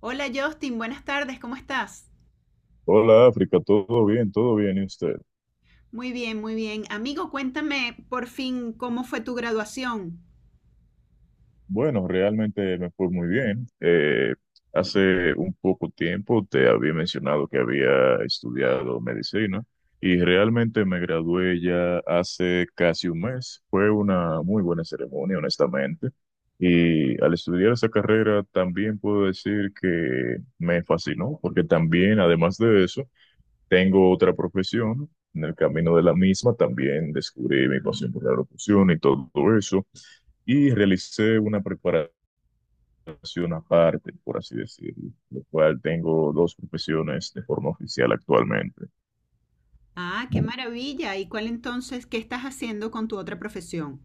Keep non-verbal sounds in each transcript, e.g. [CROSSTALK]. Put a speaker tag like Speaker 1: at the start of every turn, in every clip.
Speaker 1: Hola Justin, buenas tardes, ¿cómo estás?
Speaker 2: Hola África, todo bien, ¿y usted?
Speaker 1: Muy bien, muy bien. Amigo, cuéntame por fin cómo fue tu graduación.
Speaker 2: Bueno, realmente me fue muy bien. Hace un poco tiempo te había mencionado que había estudiado medicina y realmente me gradué ya hace casi un mes. Fue una muy buena ceremonia, honestamente. Y al estudiar esa carrera también puedo decir que me fascinó, porque también, además de eso, tengo otra profesión. En el camino de la misma también descubrí mi pasión por la locución y todo eso, y realicé una preparación aparte, por así decirlo, lo cual tengo dos profesiones de forma oficial actualmente.
Speaker 1: Ah, qué maravilla. ¿Y cuál entonces, qué estás haciendo con tu otra profesión?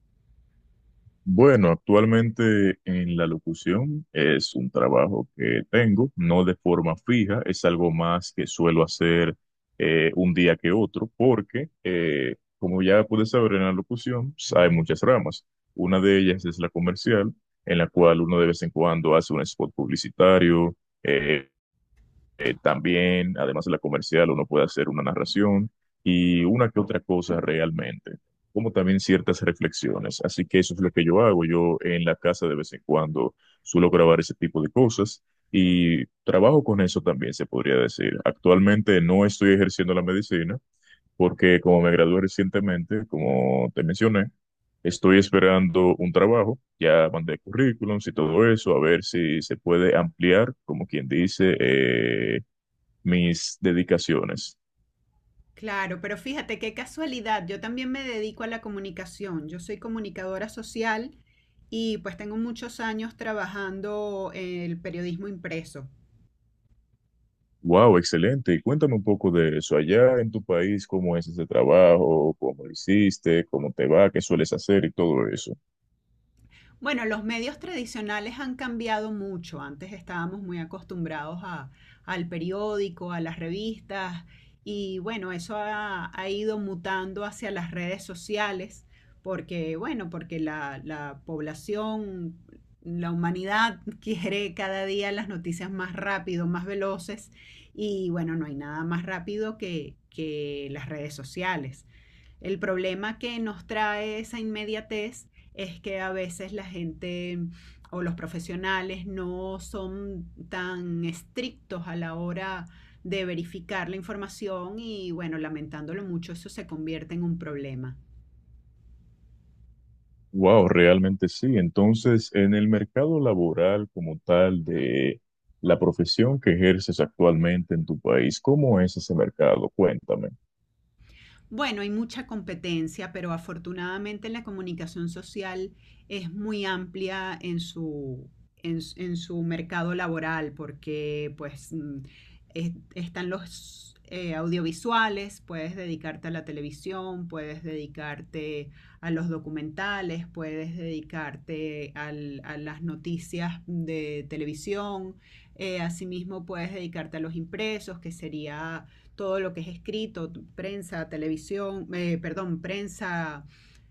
Speaker 2: Bueno, actualmente en la locución es un trabajo que tengo, no de forma fija, es algo más que suelo hacer un día que otro, porque como ya puedes saber en la locución, pues, hay muchas ramas. Una de ellas es la comercial, en la cual uno de vez en cuando hace un spot publicitario. eh, También, además de la comercial, uno puede hacer una narración y una que otra cosa realmente, como también ciertas reflexiones. Así que eso es lo que yo hago. Yo en la casa de vez en cuando suelo grabar ese tipo de cosas y trabajo con eso también, se podría decir. Actualmente no estoy ejerciendo la medicina porque, como me gradué recientemente, como te mencioné, estoy esperando un trabajo. Ya mandé currículums y todo eso, a ver si se puede ampliar, como quien dice, mis dedicaciones.
Speaker 1: Claro, pero fíjate qué casualidad. Yo también me dedico a la comunicación. Yo soy comunicadora social y pues tengo muchos años trabajando el periodismo impreso.
Speaker 2: Wow, excelente. Y cuéntame un poco de eso. Allá en tu país, ¿cómo es ese trabajo? ¿Cómo lo hiciste? ¿Cómo te va? ¿Qué sueles hacer? Y todo eso.
Speaker 1: Bueno, los medios tradicionales han cambiado mucho. Antes estábamos muy acostumbrados al periódico, a las revistas y bueno, eso ha ido mutando hacia las redes sociales porque bueno, porque la población, la humanidad [LAUGHS] quiere cada día las noticias más rápido, más veloces y bueno, no hay nada más rápido que las redes sociales. El problema que nos trae esa inmediatez es que a veces la gente o los profesionales no son tan estrictos a la hora de verificar la información y bueno, lamentándolo mucho, eso se convierte en un problema.
Speaker 2: Wow, realmente sí. Entonces, en el mercado laboral como tal de la profesión que ejerces actualmente en tu país, ¿cómo es ese mercado? Cuéntame.
Speaker 1: Bueno, hay mucha competencia, pero afortunadamente la comunicación social es muy amplia en en, en su mercado laboral, porque pues están los audiovisuales, puedes dedicarte a la televisión, puedes dedicarte a los documentales, puedes dedicarte a las noticias de televisión, asimismo puedes dedicarte a los impresos, que sería todo lo que es escrito, prensa, televisión, perdón, prensa,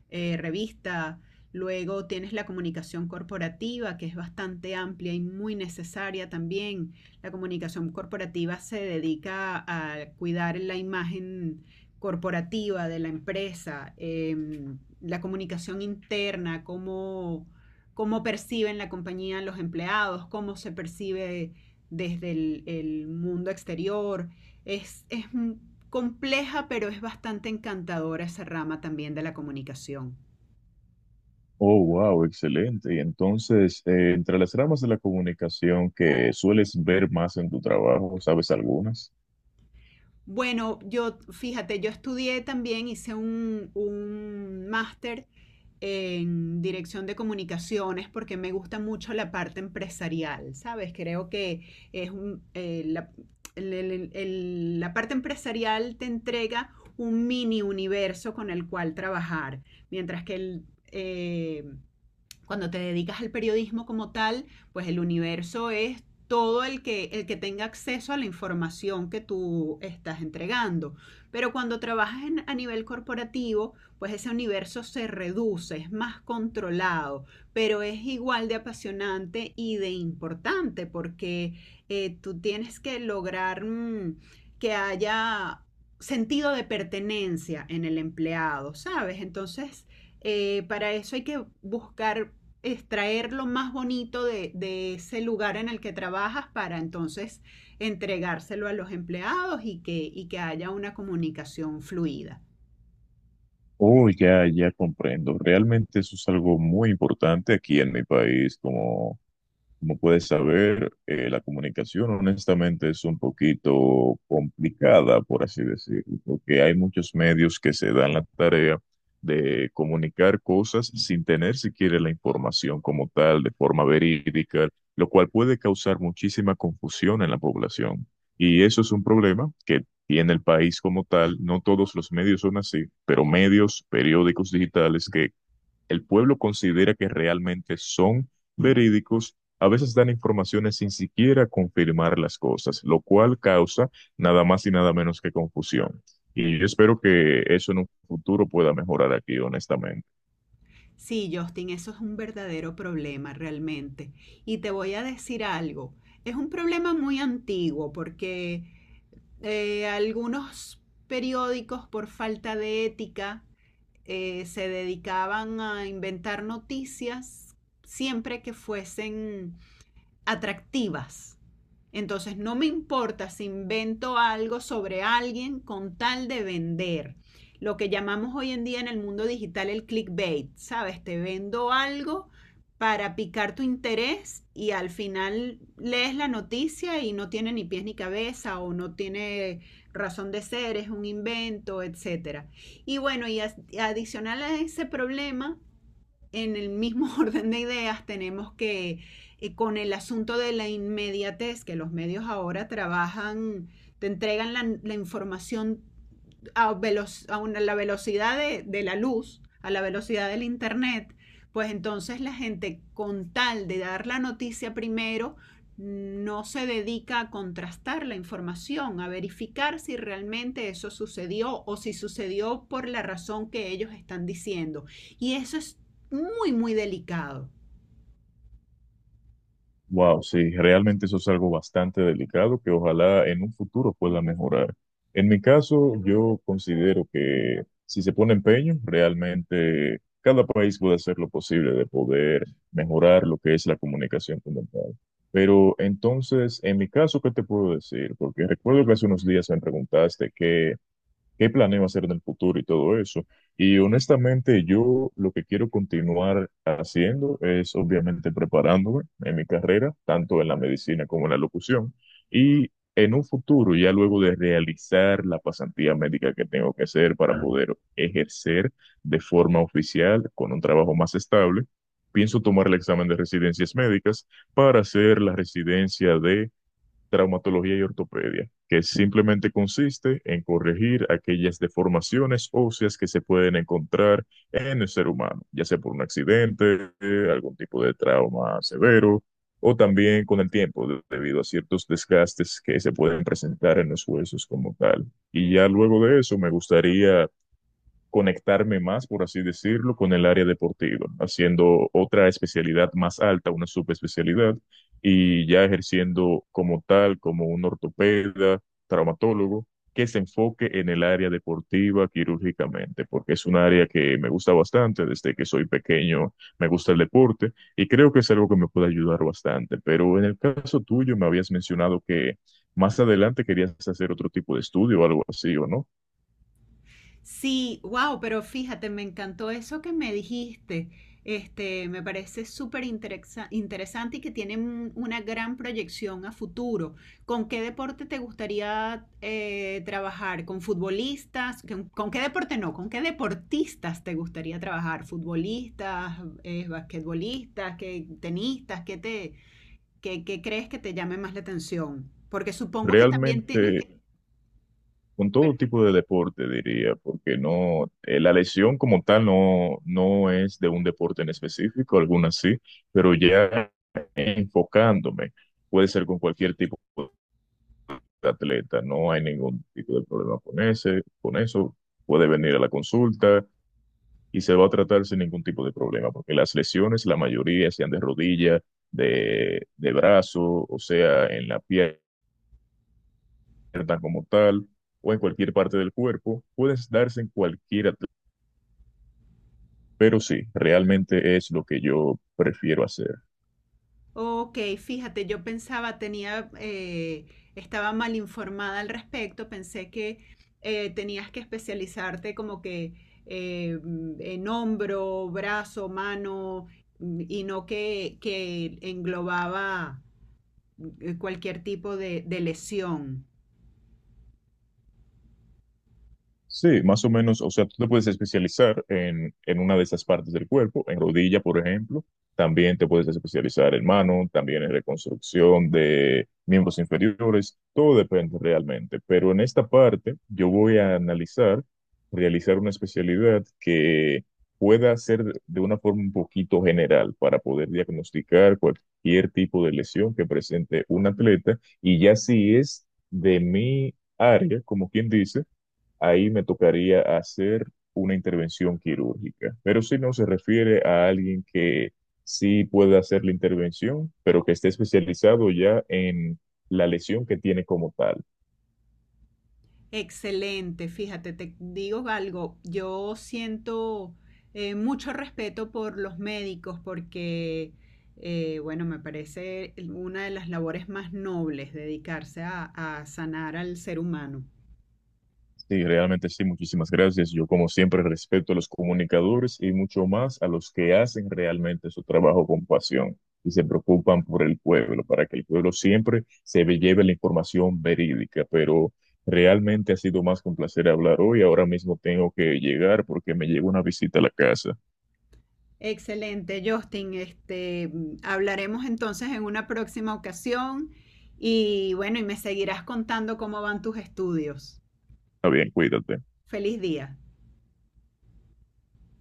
Speaker 1: revista. Luego tienes la comunicación corporativa, que es bastante amplia y muy necesaria también. La comunicación corporativa se dedica a cuidar la imagen corporativa de la empresa, la comunicación interna, cómo, cómo perciben la compañía los empleados, cómo se percibe desde el mundo exterior, es compleja, pero es bastante encantadora esa rama también de la comunicación.
Speaker 2: Oh, wow, excelente. Y entonces, entre las ramas de la comunicación que sueles ver más en tu trabajo, ¿sabes algunas?
Speaker 1: Bueno, yo, fíjate, yo estudié también, hice un máster en dirección de comunicaciones porque me gusta mucho la parte empresarial, ¿sabes? Creo que es un, la parte empresarial te entrega un mini universo con el cual trabajar, mientras que el, eh, cuando te dedicas al periodismo como tal, pues el universo es todo el que tenga acceso a la información que tú estás entregando. Pero cuando trabajas en, a nivel corporativo, pues ese universo se reduce, es más controlado, pero es igual de apasionante y de importante porque tú tienes que lograr que haya sentido de pertenencia en el empleado, ¿sabes? Entonces, para eso hay que buscar extraer lo más bonito de ese lugar en el que trabajas para entonces entregárselo a los empleados y que haya una comunicación fluida.
Speaker 2: Oh, ya, ya comprendo. Realmente eso es algo muy importante aquí en mi país. Como puedes saber, la comunicación honestamente es un poquito complicada, por así decirlo, porque hay muchos medios que se dan la tarea de comunicar cosas sin tener siquiera la información como tal, de forma verídica, lo cual puede causar muchísima confusión en la población. Y eso es un problema que tiene el país como tal. No todos los medios son así, pero medios, periódicos digitales que el pueblo considera que realmente son verídicos, a veces dan informaciones sin siquiera confirmar las cosas, lo cual causa nada más y nada menos que confusión. Y yo espero que eso en un futuro pueda mejorar aquí, honestamente.
Speaker 1: Sí, Justin, eso es un verdadero problema realmente. Y te voy a decir algo, es un problema muy antiguo porque algunos periódicos por falta de ética se dedicaban a inventar noticias siempre que fuesen atractivas. Entonces no me importa si invento algo sobre alguien con tal de vender. Lo que llamamos hoy en día en el mundo digital el clickbait, ¿sabes? Te vendo algo para picar tu interés y al final lees la noticia y no tiene ni pies ni cabeza o no tiene razón de ser, es un invento, etcétera. Y bueno, y adicional a ese problema en el mismo [LAUGHS] orden de ideas tenemos que con el asunto de la inmediatez que los medios ahora trabajan, te entregan la información a, velo a una, la velocidad de la luz, a la velocidad del Internet, pues entonces la gente con tal de dar la noticia primero, no se dedica a contrastar la información, a verificar si realmente eso sucedió o si sucedió por la razón que ellos están diciendo. Y eso es muy, muy delicado.
Speaker 2: Wow, sí, realmente eso es algo bastante delicado que ojalá en un futuro pueda mejorar. En mi caso, yo considero que si se pone empeño, realmente cada país puede hacer lo posible de poder mejorar lo que es la comunicación como tal. Pero entonces, en mi caso, ¿qué te puedo decir? Porque recuerdo que hace unos días me preguntaste qué planeo hacer en el futuro y todo eso. Y honestamente, yo lo que quiero continuar haciendo es obviamente preparándome en mi carrera, tanto en la medicina como en la locución, y en un futuro, ya luego de realizar la pasantía médica que tengo que hacer para poder ejercer de forma oficial con un trabajo más estable, pienso tomar el examen de residencias médicas para hacer la residencia de traumatología y ortopedia, que simplemente consiste en corregir aquellas deformaciones óseas que se pueden encontrar en el ser humano, ya sea por un accidente, algún tipo de trauma severo, o también con el tiempo, debido a ciertos desgastes que se pueden presentar en los huesos como tal. Y ya luego de eso, me gustaría conectarme más, por así decirlo, con el área deportiva, haciendo otra especialidad más alta, una subespecialidad, y ya ejerciendo como tal, como un ortopeda traumatólogo que se enfoque en el área deportiva quirúrgicamente, porque es un área que me gusta bastante. Desde que soy pequeño me gusta el deporte, y creo que es algo que me puede ayudar bastante, pero en el caso tuyo me habías mencionado que... Más adelante querías hacer otro tipo de estudio o algo así, ¿o no?
Speaker 1: Sí, wow, pero fíjate, me encantó eso que me dijiste. Este, me parece súper interesante y que tiene una gran proyección a futuro. ¿Con qué deporte te gustaría trabajar? ¿Con futbolistas? Con qué deporte no? ¿Con qué deportistas te gustaría trabajar? ¿Futbolistas, basquetbolistas, tenistas? ¿Qué te, qué, qué crees que te llame más la atención? Porque supongo que también
Speaker 2: Realmente
Speaker 1: tienes que...
Speaker 2: con todo tipo de deporte, diría, porque no, la lesión como tal no, no es de un deporte en específico, algunas sí, pero ya enfocándome, puede ser con cualquier tipo de atleta. No hay ningún tipo de problema con ese, con eso. Puede venir a la consulta y se va a tratar sin ningún tipo de problema, porque las lesiones, la mayoría sean de rodilla, de brazo, o sea, en la pierna como tal, o en cualquier parte del cuerpo, puedes darse en cualquier atleta. Pero sí, realmente es lo que yo prefiero hacer.
Speaker 1: Ok, fíjate, yo pensaba, tenía, estaba mal informada al respecto, pensé que tenías que especializarte como que en hombro, brazo, mano, y no que, que englobaba cualquier tipo de lesión.
Speaker 2: Sí, más o menos, o sea, tú te puedes especializar en, una de esas partes del cuerpo, en rodilla, por ejemplo. También te puedes especializar en mano, también en reconstrucción de miembros inferiores. Todo depende realmente, pero en esta parte yo voy a analizar, realizar una especialidad que pueda ser de una forma un poquito general para poder diagnosticar cualquier tipo de lesión que presente un atleta, y ya si es de mi área, como quien dice, ahí me tocaría hacer una intervención quirúrgica. Pero si no, se refiere a alguien que sí puede hacer la intervención, pero que esté especializado ya en la lesión que tiene como tal.
Speaker 1: Excelente, fíjate, te digo algo, yo siento mucho respeto por los médicos porque, bueno, me parece una de las labores más nobles dedicarse a sanar al ser humano.
Speaker 2: Sí, realmente sí, muchísimas gracias. Yo como siempre respeto a los comunicadores y mucho más a los que hacen realmente su trabajo con pasión y se preocupan por el pueblo, para que el pueblo siempre lleve la información verídica. Pero realmente ha sido más que un placer hablar hoy. Ahora mismo tengo que llegar porque me llega una visita a la casa.
Speaker 1: Excelente, Justin, este, hablaremos entonces en una próxima ocasión y bueno, y me seguirás contando cómo van tus estudios.
Speaker 2: Está bien, cuídate.
Speaker 1: Feliz día.